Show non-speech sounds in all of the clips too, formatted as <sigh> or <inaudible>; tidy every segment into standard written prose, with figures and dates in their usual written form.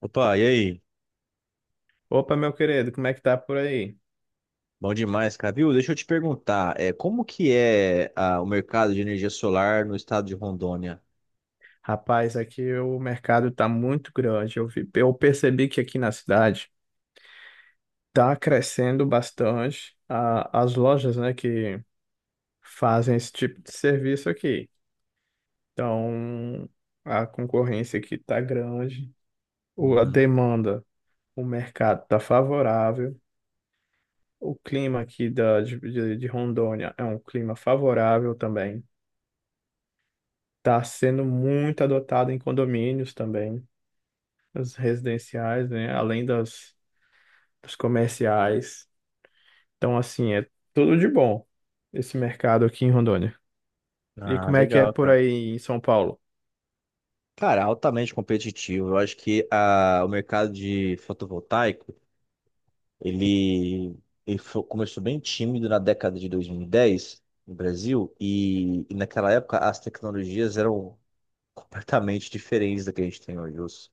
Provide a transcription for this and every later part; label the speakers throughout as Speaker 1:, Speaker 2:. Speaker 1: Opa, e aí?
Speaker 2: Opa, meu querido, como é que tá por aí?
Speaker 1: Bom demais, cara. Viu? Deixa eu te perguntar, como que é o mercado de energia solar no estado de Rondônia?
Speaker 2: Rapaz, aqui o mercado tá muito grande. Eu percebi que aqui na cidade tá crescendo bastante as lojas, né, que fazem esse tipo de serviço aqui. Então, a concorrência aqui tá grande, a
Speaker 1: Uhum.
Speaker 2: demanda, o mercado tá favorável, o clima aqui da, de Rondônia é um clima favorável também. Tá sendo muito adotado em condomínios também. As residenciais, né? Além dos comerciais. Então, assim, é tudo de bom esse mercado aqui em Rondônia. E
Speaker 1: Ah,
Speaker 2: como é que é
Speaker 1: legal,
Speaker 2: por
Speaker 1: cara.
Speaker 2: aí em São Paulo?
Speaker 1: Cara, altamente competitivo. Eu acho que o mercado de fotovoltaico, ele, ele começou bem tímido na década de 2010 no Brasil e, naquela época as tecnologias eram <laughs> completamente diferentes da que a gente tem hoje.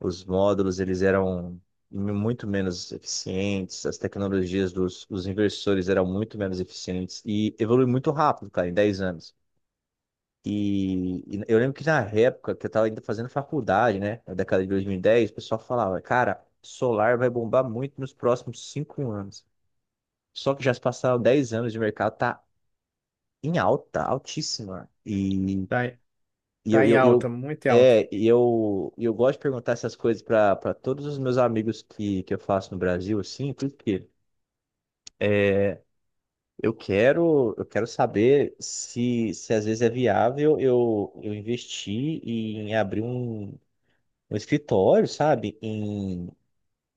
Speaker 1: Os módulos eles eram muito menos eficientes, as tecnologias dos inversores eram muito menos eficientes e evoluiu muito rápido, cara, em 10 anos. E, eu lembro que na época que eu estava ainda fazendo faculdade, né, na década de 2010 o pessoal falava, cara, solar vai bombar muito nos próximos 5 anos. Só que já se passaram 10 anos de mercado, tá em alta, altíssima.
Speaker 2: Tá, em-
Speaker 1: E
Speaker 2: tá em alta,
Speaker 1: eu,
Speaker 2: muito em alta.
Speaker 1: é, e eu gosto de perguntar essas coisas para todos os meus amigos que, eu faço no Brasil, assim, porque é, eu quero saber se, se às vezes é viável eu investir em abrir um escritório, sabe,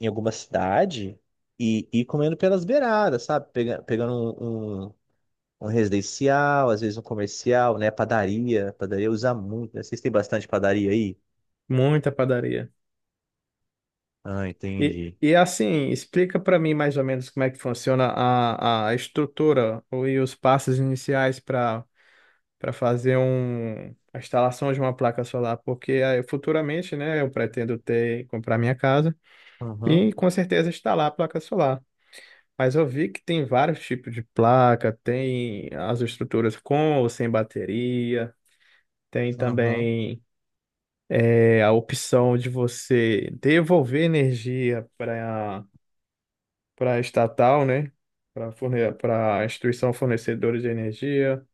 Speaker 1: em alguma cidade e ir comendo pelas beiradas, sabe. Pegando um residencial, às vezes um comercial, né, padaria, padaria usa muito, né? Vocês têm bastante padaria aí?
Speaker 2: Muita padaria.
Speaker 1: Ah,
Speaker 2: E,
Speaker 1: entendi.
Speaker 2: e assim, explica para mim mais ou menos como é que funciona a estrutura e os passos iniciais para para fazer a instalação de uma placa solar, porque aí, futuramente, né, eu pretendo ter, comprar minha casa
Speaker 1: Aham,
Speaker 2: e com certeza instalar a placa solar. Mas eu vi que tem vários tipos de placa, tem as estruturas com ou sem bateria, tem
Speaker 1: aham.
Speaker 2: também a opção de você devolver energia para a estatal, né? Para forne para a instituição fornecedora de energia.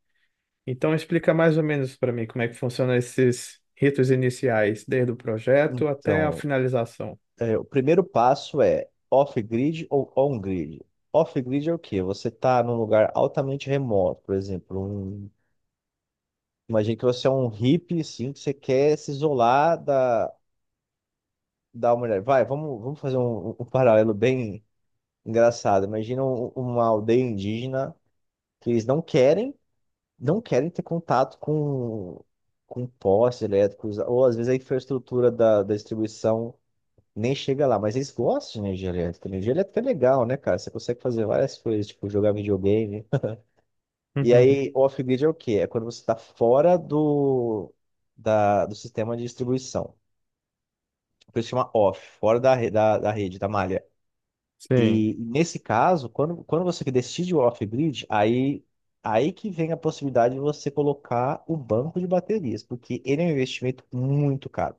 Speaker 2: Então explica mais ou menos para mim como é que funcionam esses ritos iniciais, desde o projeto até a
Speaker 1: Então,
Speaker 2: finalização.
Speaker 1: o primeiro passo é off-grid ou on-grid. Off-grid é o quê? Você está num lugar altamente remoto, por exemplo. Imagine que você é um hippie, assim, que você quer se isolar da humanidade. Vai, vamos fazer um paralelo bem engraçado. Imagina uma aldeia indígena que eles não querem, não querem ter contato com postes elétricos, ou às vezes a infraestrutura da distribuição nem chega lá, mas eles gostam de energia elétrica. Energia elétrica é legal, né, cara? Você consegue fazer várias coisas, tipo jogar videogame. E aí,
Speaker 2: <laughs>
Speaker 1: off-grid é o quê? É quando você está fora da, do sistema de distribuição. Por isso chama off, fora da rede, da malha.
Speaker 2: Sim.
Speaker 1: E nesse caso, quando você decide o off-grid, aí que vem a possibilidade de você colocar o banco de baterias, porque ele é um investimento muito caro.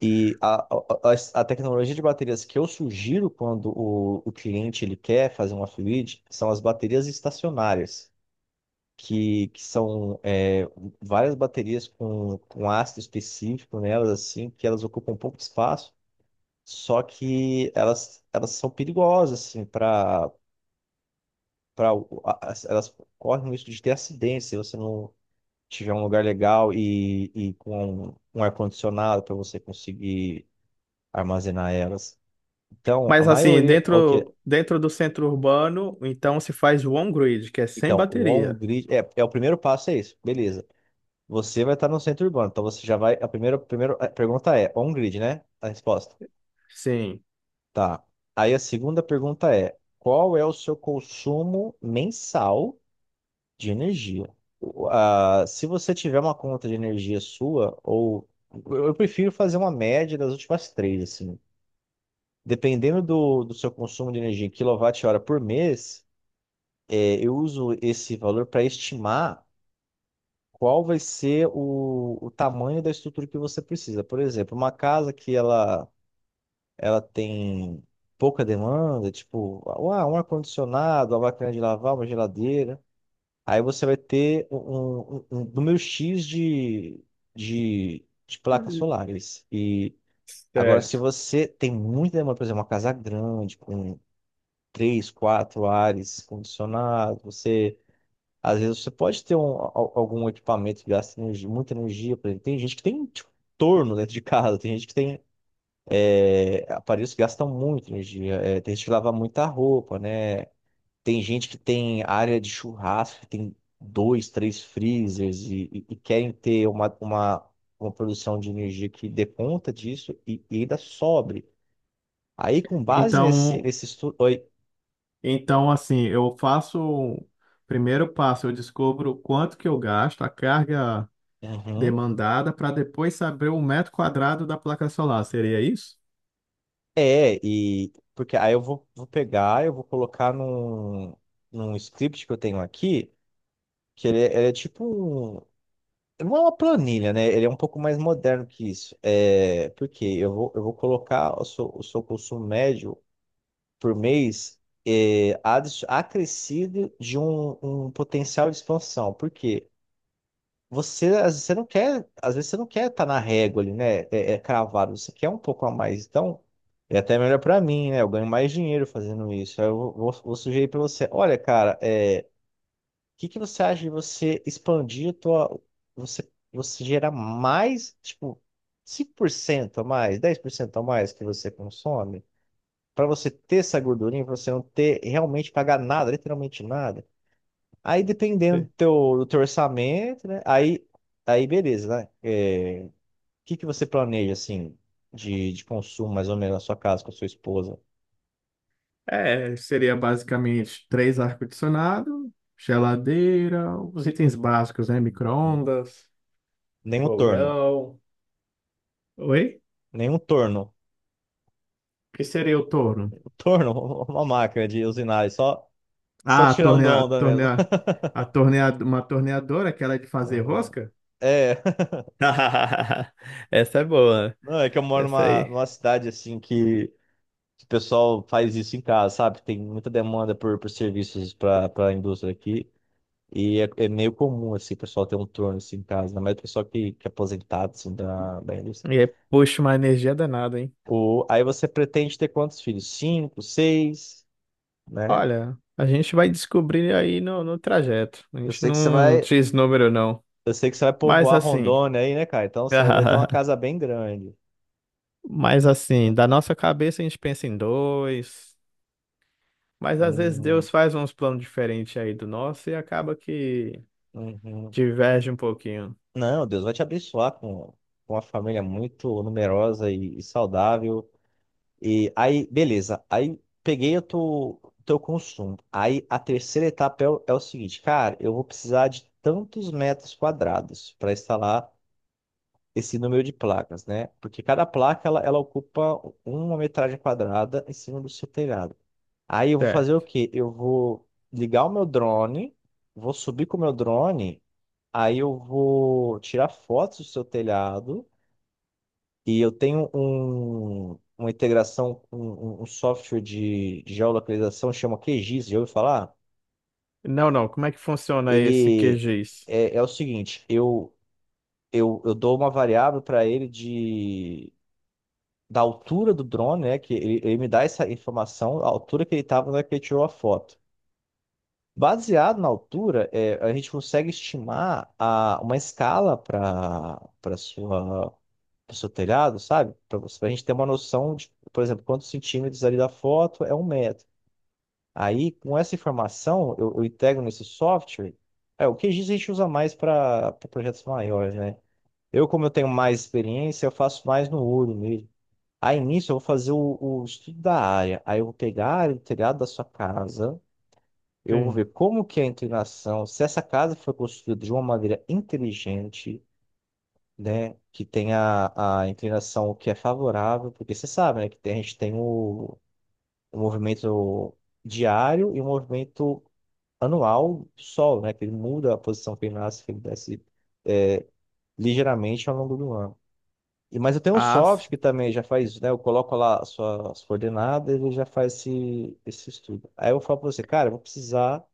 Speaker 1: E a tecnologia de baterias que eu sugiro quando o cliente ele quer fazer uma fluid são as baterias estacionárias, que são várias baterias com ácido específico nelas, assim, que elas ocupam pouco espaço, só que elas são perigosas, assim, para para elas correm o risco de ter acidente se você não tiver um lugar legal e com um ar-condicionado para você conseguir armazenar elas. Então, a
Speaker 2: Mas assim,
Speaker 1: maioria. O quê?
Speaker 2: dentro do centro urbano, então se faz o on-grid, que é sem
Speaker 1: Então, o
Speaker 2: bateria.
Speaker 1: on-grid. O primeiro passo é isso. Beleza. Você vai estar no centro urbano. Então, você já vai. A primeira a pergunta é: on-grid, né? A resposta.
Speaker 2: Sim.
Speaker 1: Tá. Aí, a segunda pergunta é: qual é o seu consumo mensal de energia? Se você tiver uma conta de energia sua, ou. Eu prefiro fazer uma média das últimas três, assim. Dependendo do seu consumo de energia em quilowatt-hora por mês, eu uso esse valor para estimar qual vai ser o tamanho da estrutura que você precisa. Por exemplo, uma casa que ela tem pouca demanda, tipo um ar-condicionado, uma máquina de lavar, uma geladeira. Aí você vai ter um número X de placas solares. E agora, se
Speaker 2: Certo.
Speaker 1: você tem muita demanda, por exemplo, uma casa grande, com três, quatro ares condicionados, você às vezes você pode ter algum equipamento que gasta muita energia, por exemplo. Tem gente que tem tipo, torno dentro de casa, tem gente que tem aparelhos que gastam muita energia, tem gente que lava muita roupa, né? Tem gente que tem área de churrasco, que tem dois, três freezers e querem ter uma produção de energia que dê conta disso e ainda sobre. Aí, com base
Speaker 2: Então,
Speaker 1: nesse estudo. Oi.
Speaker 2: então assim, eu faço o primeiro passo, eu descubro quanto que eu gasto, a carga
Speaker 1: Uhum.
Speaker 2: demandada, para depois saber o metro quadrado da placa solar. Seria isso?
Speaker 1: É, e porque aí eu vou, vou pegar, eu vou colocar num script que eu tenho aqui, que ele é tipo um. Não é uma planilha, né? Ele é um pouco mais moderno que isso. É, porque eu vou colocar o seu consumo médio por mês acrescido de um potencial de expansão. Por quê? Você, às vezes, você não quer, às vezes você não quer estar na régua ali, né? É, é cravado, você quer um pouco a mais. Então, é até melhor pra mim, né? Eu ganho mais dinheiro fazendo isso. Aí eu vou sugerir pra você. Olha, cara, o que que você acha de você expandir você, você gerar mais, tipo, 5% a mais, 10% a mais que você consome, pra você ter essa gordurinha, pra você não ter realmente pagar nada, literalmente nada. Aí dependendo
Speaker 2: Sim.
Speaker 1: do teu orçamento, né? Aí beleza, né? O que que você planeja, assim, de consumo, mais ou menos, na sua casa, com a sua esposa?
Speaker 2: É, seria basicamente três ar-condicionado, geladeira, os itens básicos, né? Micro-ondas,
Speaker 1: Nenhum torno.
Speaker 2: fogão. Oi?
Speaker 1: Nenhum torno.
Speaker 2: Que seria o torno?
Speaker 1: O torno, <laughs> uma máquina de usinar, só, só
Speaker 2: Ah, a
Speaker 1: tirando
Speaker 2: torneia,
Speaker 1: onda mesmo.
Speaker 2: torneia,
Speaker 1: <laughs>
Speaker 2: a torneia, uma torneadora, aquela de fazer
Speaker 1: Aham.
Speaker 2: rosca?
Speaker 1: É,
Speaker 2: <laughs> Essa é boa.
Speaker 1: <laughs> não, é que eu moro
Speaker 2: Essa aí.
Speaker 1: numa cidade assim que o pessoal faz isso em casa, sabe? Tem muita demanda por serviços para a indústria aqui. E é, é meio comum, assim, o pessoal ter um turno assim, em casa, ainda mais o pessoal que é aposentado, assim, da indústria.
Speaker 2: E aí, puxa, uma energia danada, hein?
Speaker 1: O, aí você pretende ter quantos filhos? Cinco, seis, né?
Speaker 2: Olha, a gente vai descobrir aí no trajeto. A
Speaker 1: Eu
Speaker 2: gente
Speaker 1: sei que você
Speaker 2: não
Speaker 1: vai,
Speaker 2: diz número, não.
Speaker 1: eu sei que você vai
Speaker 2: Mas
Speaker 1: povoar
Speaker 2: assim.
Speaker 1: Rondônia aí, né, cara? Então vai ter uma
Speaker 2: <laughs>
Speaker 1: casa bem grande.
Speaker 2: Mas assim,
Speaker 1: Né?
Speaker 2: da nossa cabeça a gente pensa em dois. Mas às vezes
Speaker 1: Hum,
Speaker 2: Deus faz uns planos diferentes aí do nosso e acaba que
Speaker 1: uhum.
Speaker 2: diverge um pouquinho.
Speaker 1: Não, Deus vai te abençoar com uma família muito numerosa e saudável. E aí, beleza. Aí peguei teu consumo. Aí a terceira etapa é, o é o seguinte, cara, eu vou precisar de tantos metros quadrados para instalar esse número de placas, né? Porque cada placa ela ocupa uma metragem quadrada em cima do seu telhado. Aí eu vou fazer o
Speaker 2: Certo.
Speaker 1: quê? Eu vou ligar o meu drone, vou subir com o meu drone, aí eu vou tirar fotos do seu telhado. E eu tenho uma integração, um software de geolocalização, chama QGIS, já ouviu falar?
Speaker 2: Não, não. Como é que funciona esse
Speaker 1: Ele
Speaker 2: QGIS?
Speaker 1: é o seguinte, eu dou uma variável para ele da altura do drone, né? Que ele me dá essa informação, a altura que ele estava na hora que ele tirou a foto. Baseado na altura, a gente consegue estimar a, uma escala para para sua pro seu telhado, sabe? Para você, para a gente ter uma noção de, por exemplo, quantos centímetros ali da foto é um metro. Aí, com essa informação, eu integro nesse software. É, o QGIS a gente usa mais para projetos maiores, né? Eu, como eu tenho mais experiência, eu faço mais no olho mesmo. Aí, nisso, eu vou fazer o estudo da área. Aí, eu vou pegar a área do telhado da sua casa. Eu vou
Speaker 2: Sim.
Speaker 1: ver como que é a inclinação, se essa casa foi construída de uma maneira inteligente, né? Que tem a inclinação que é favorável, porque você sabe, né? A gente tem o movimento diário e o movimento anual do Sol, né? Que ele muda a posição que ele nasce, que ele desce é, ligeiramente ao longo do ano. E, mas eu tenho um
Speaker 2: As...
Speaker 1: software que também já faz isso, né? Eu coloco lá as coordenadas e ele já faz esse estudo. Aí eu falo para você, cara, eu vou precisar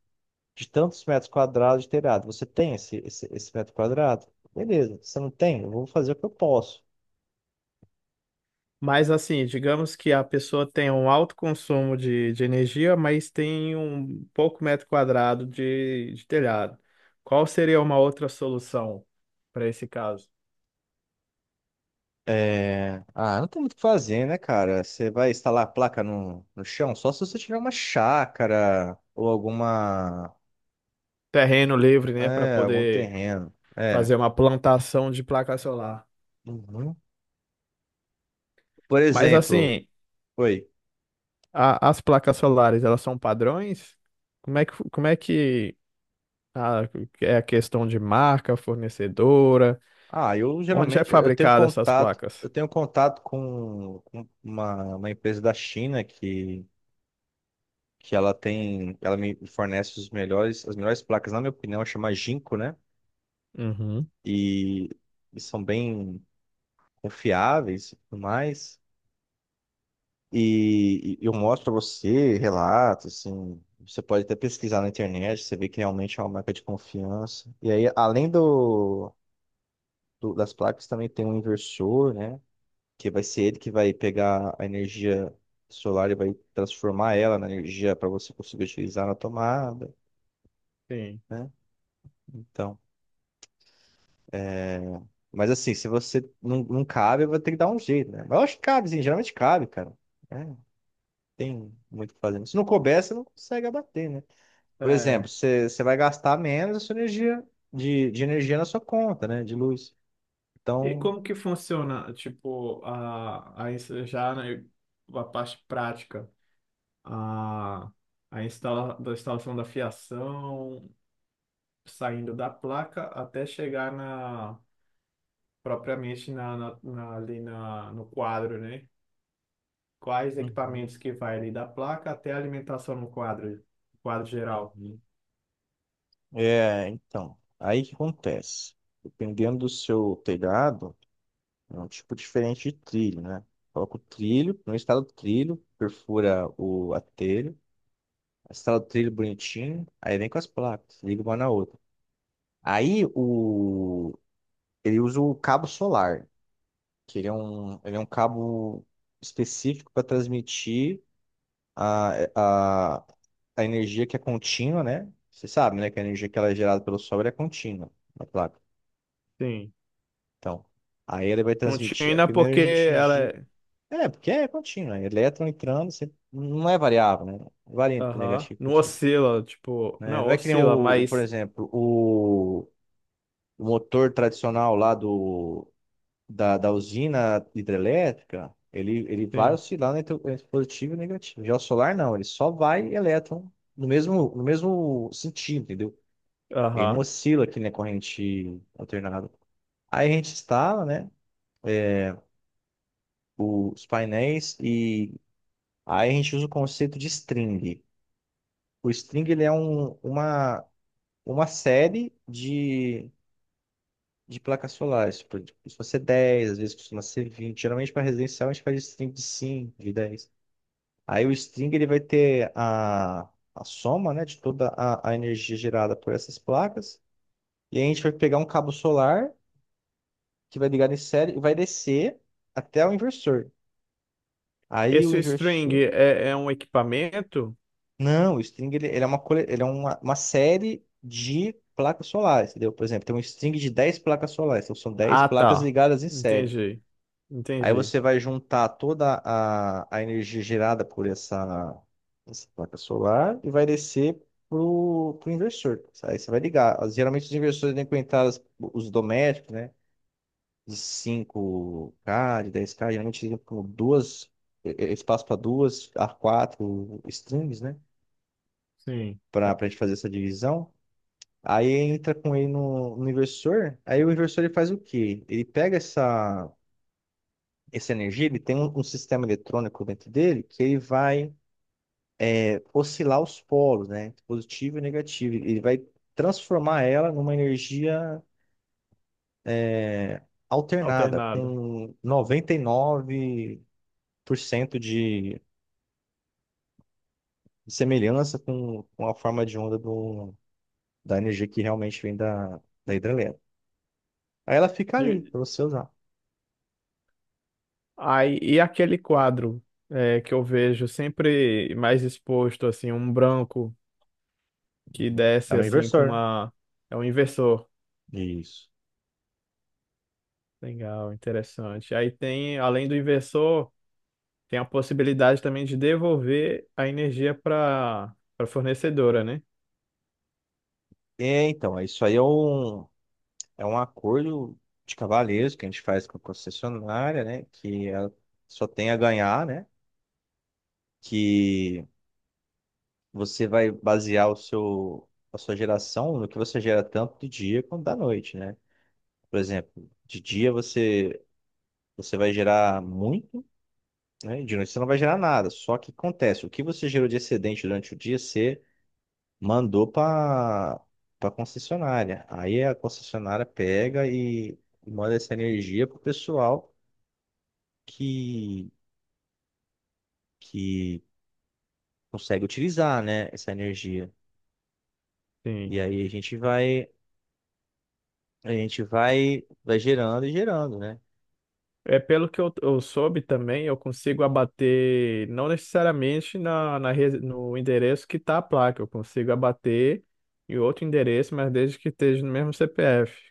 Speaker 1: de tantos metros quadrados de telhado. Você tem esse metro quadrado? Beleza. Você não tem? Eu vou fazer o que eu posso.
Speaker 2: Mas assim, digamos que a pessoa tem um alto consumo de energia, mas tem um pouco metro quadrado de telhado. Qual seria uma outra solução para esse caso?
Speaker 1: É... Ah, não tem muito o que fazer, né, cara? Você vai instalar a placa no chão só se você tiver uma chácara ou alguma.
Speaker 2: Terreno livre, né, para
Speaker 1: É, algum
Speaker 2: poder
Speaker 1: terreno. É.
Speaker 2: fazer uma plantação de placa solar.
Speaker 1: Uhum. Por
Speaker 2: Mas
Speaker 1: exemplo,
Speaker 2: assim,
Speaker 1: oi.
Speaker 2: as placas solares, elas são padrões? Como é que, como é que ah, é a questão de marca, fornecedora?
Speaker 1: Ah, eu
Speaker 2: Onde é
Speaker 1: geralmente
Speaker 2: fabricada essas
Speaker 1: eu
Speaker 2: placas?
Speaker 1: tenho contato com uma empresa da China que ela tem, ela me fornece os melhores, as melhores placas, na minha opinião, chama Jinko, né?
Speaker 2: Uhum.
Speaker 1: E, e são bem confiáveis e tudo mais. E eu mostro pra você relato assim, você pode até pesquisar na internet, você vê que realmente é uma marca de confiança. E aí, além das placas, também tem um inversor, né? Que vai ser ele que vai pegar a energia solar e vai transformar ela na energia para você conseguir utilizar na tomada,
Speaker 2: Sim.
Speaker 1: né? Então, mas assim, se você não, não cabe, vai ter que dar um jeito, né? Mas eu acho que cabe, sim, geralmente cabe, cara. É, tem muito o que fazer. Se não couber, você não consegue abater, né? Por exemplo,
Speaker 2: É.
Speaker 1: você vai gastar menos a sua energia de energia na sua conta, né? De luz.
Speaker 2: E
Speaker 1: Então,
Speaker 2: como que funciona, tipo, já né, a parte prática, a, a instala, da instalação da fiação, saindo da placa até chegar na, propriamente no quadro, né? Quais
Speaker 1: uhum,
Speaker 2: equipamentos que vai ali da placa até a alimentação no quadro, quadro geral?
Speaker 1: uhum. É, então, aí o que acontece? Dependendo do seu telhado, é um tipo diferente de trilho, né? Coloca o trilho, não instala o trilho, perfura o, a telha, instala o trilho bonitinho, aí vem com as placas, liga uma na outra. Aí ele usa o cabo solar, que ele é um cabo específico para transmitir A, a, a energia que é contínua, né? Você sabe, né? Que a energia que ela é gerada pelo Sol ela é contínua na placa.
Speaker 2: Sim.
Speaker 1: Então, aí ele vai transmitir.
Speaker 2: Contínua
Speaker 1: Primeiro a
Speaker 2: porque
Speaker 1: gente
Speaker 2: ela é
Speaker 1: É, porque é contínua. Elétron entrando, você não é variável, né? Varia entre
Speaker 2: Aham.
Speaker 1: negativo e
Speaker 2: Não
Speaker 1: positivo.
Speaker 2: oscila, tipo.
Speaker 1: Né?
Speaker 2: Não,
Speaker 1: Não é que nem
Speaker 2: oscila,
Speaker 1: por
Speaker 2: mas.
Speaker 1: exemplo, o motor tradicional lá da usina hidrelétrica, ele vai
Speaker 2: Sim.
Speaker 1: oscilar entre positivo e negativo. Já o solar não, ele só vai elétron no mesmo sentido, entendeu? Ele não
Speaker 2: Aham.
Speaker 1: oscila aqui na corrente alternada. Aí a gente instala, né, os painéis e aí a gente usa o conceito de string. O string ele é uma série de placas solares. Tipo, costuma ser 10, às vezes costuma ser 20. Geralmente, para residencial, a gente faz string de cinco, de 10. Aí o string ele vai ter a soma, né, de toda a energia gerada por essas placas. E aí a gente vai pegar um cabo solar que vai ligar em série e vai descer até o inversor. Aí o
Speaker 2: Esse string
Speaker 1: inversor.
Speaker 2: é, é um equipamento?
Speaker 1: Não, o string ele é uma, cole- ele é uma série de placas solares, entendeu? Por exemplo, tem um string de 10 placas solares, então são 10
Speaker 2: Ah,
Speaker 1: placas
Speaker 2: tá.
Speaker 1: ligadas em série.
Speaker 2: Entendi.
Speaker 1: Aí
Speaker 2: Entendi.
Speaker 1: você vai juntar toda a energia gerada por essa placa solar e vai descer pro inversor. Aí você vai ligar. Geralmente os inversores têm conectados os domésticos, né? De 5K, de 10K, geralmente eles vêm com espaço para duas a quatro strings, né?
Speaker 2: Sim.
Speaker 1: Para a gente fazer essa divisão. Aí entra com ele no inversor. Aí o inversor ele faz o quê? Ele pega essa energia, ele tem um sistema eletrônico dentro dele que ele vai oscilar os polos, né? Positivo e negativo. Ele vai transformar ela numa energia é, alternada,
Speaker 2: Alternada.
Speaker 1: com 99% de semelhança com a forma de onda da energia que realmente vem da, da hidrelétrica. Aí ela fica ali
Speaker 2: E,
Speaker 1: para você usar.
Speaker 2: aí, e aquele quadro é, que eu vejo sempre mais exposto, assim, um branco que
Speaker 1: Uhum. É
Speaker 2: desce
Speaker 1: um
Speaker 2: assim com
Speaker 1: inversor.
Speaker 2: uma. É um inversor.
Speaker 1: Isso.
Speaker 2: Legal, interessante. Aí tem, além do inversor. Tem a possibilidade também de devolver a energia para a fornecedora, né?
Speaker 1: É, então, isso aí é um acordo de cavalheiros que a gente faz com a concessionária, né? Que ela só tem a ganhar, né? Que você vai basear a sua geração no que você gera tanto de dia quanto da noite, né? Por exemplo, de dia você vai gerar muito, né? E de noite você não vai gerar nada. Só que acontece, o que você gerou de excedente durante o dia, você mandou para concessionária. Aí a concessionária pega e manda essa energia pro pessoal que que consegue utilizar, né, essa energia.
Speaker 2: Sim.
Speaker 1: E aí a gente vai gerando e gerando, né?
Speaker 2: É pelo que eu soube também, eu consigo abater não necessariamente no endereço que está a placa, eu consigo abater em outro endereço, mas desde que esteja no mesmo CPF.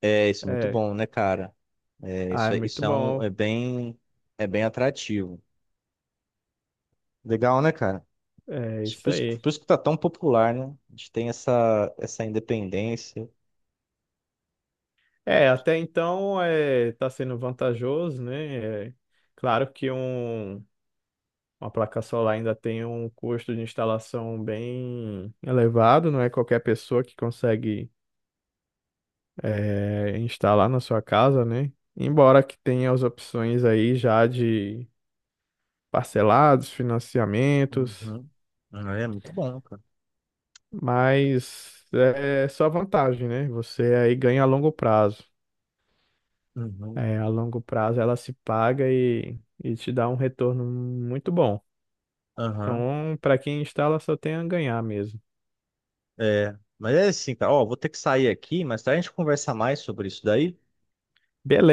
Speaker 1: É, isso é muito
Speaker 2: É.
Speaker 1: bom, né, cara? É,
Speaker 2: Ah,
Speaker 1: isso,
Speaker 2: é
Speaker 1: é-
Speaker 2: muito
Speaker 1: isso é um, é
Speaker 2: bom.
Speaker 1: bem, é bem atrativo. Legal, né, cara?
Speaker 2: É
Speaker 1: Isso-
Speaker 2: isso
Speaker 1: Por isso,
Speaker 2: aí.
Speaker 1: por isso que tá tão popular, né? A gente tem essa independência.
Speaker 2: É, até então é, tá sendo vantajoso, né? É, claro que um uma placa solar ainda tem um custo de instalação bem elevado, não é qualquer pessoa que consegue instalar na sua casa, né? Embora que tenha as opções aí já de parcelados, financiamentos,
Speaker 1: Uhum. Ah, é muito bom, cara.
Speaker 2: mas é só vantagem, né? Você aí ganha a longo prazo.
Speaker 1: Uhum.
Speaker 2: A longo prazo ela se paga e te dá um retorno muito bom.
Speaker 1: Aham.
Speaker 2: Então, para quem instala, só tem a ganhar mesmo.
Speaker 1: É. Mas é assim, cara. Ó, vou ter que sair aqui, mas a gente conversa mais sobre isso daí,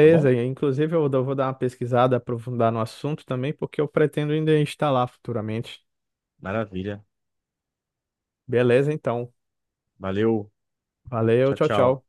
Speaker 1: tá bom?
Speaker 2: e inclusive vou dar uma pesquisada, aprofundar no assunto também, porque eu pretendo ainda instalar futuramente.
Speaker 1: Maravilha.
Speaker 2: Beleza, então.
Speaker 1: Valeu.
Speaker 2: Valeu,
Speaker 1: Tchau,
Speaker 2: tchau,
Speaker 1: tchau.
Speaker 2: tchau.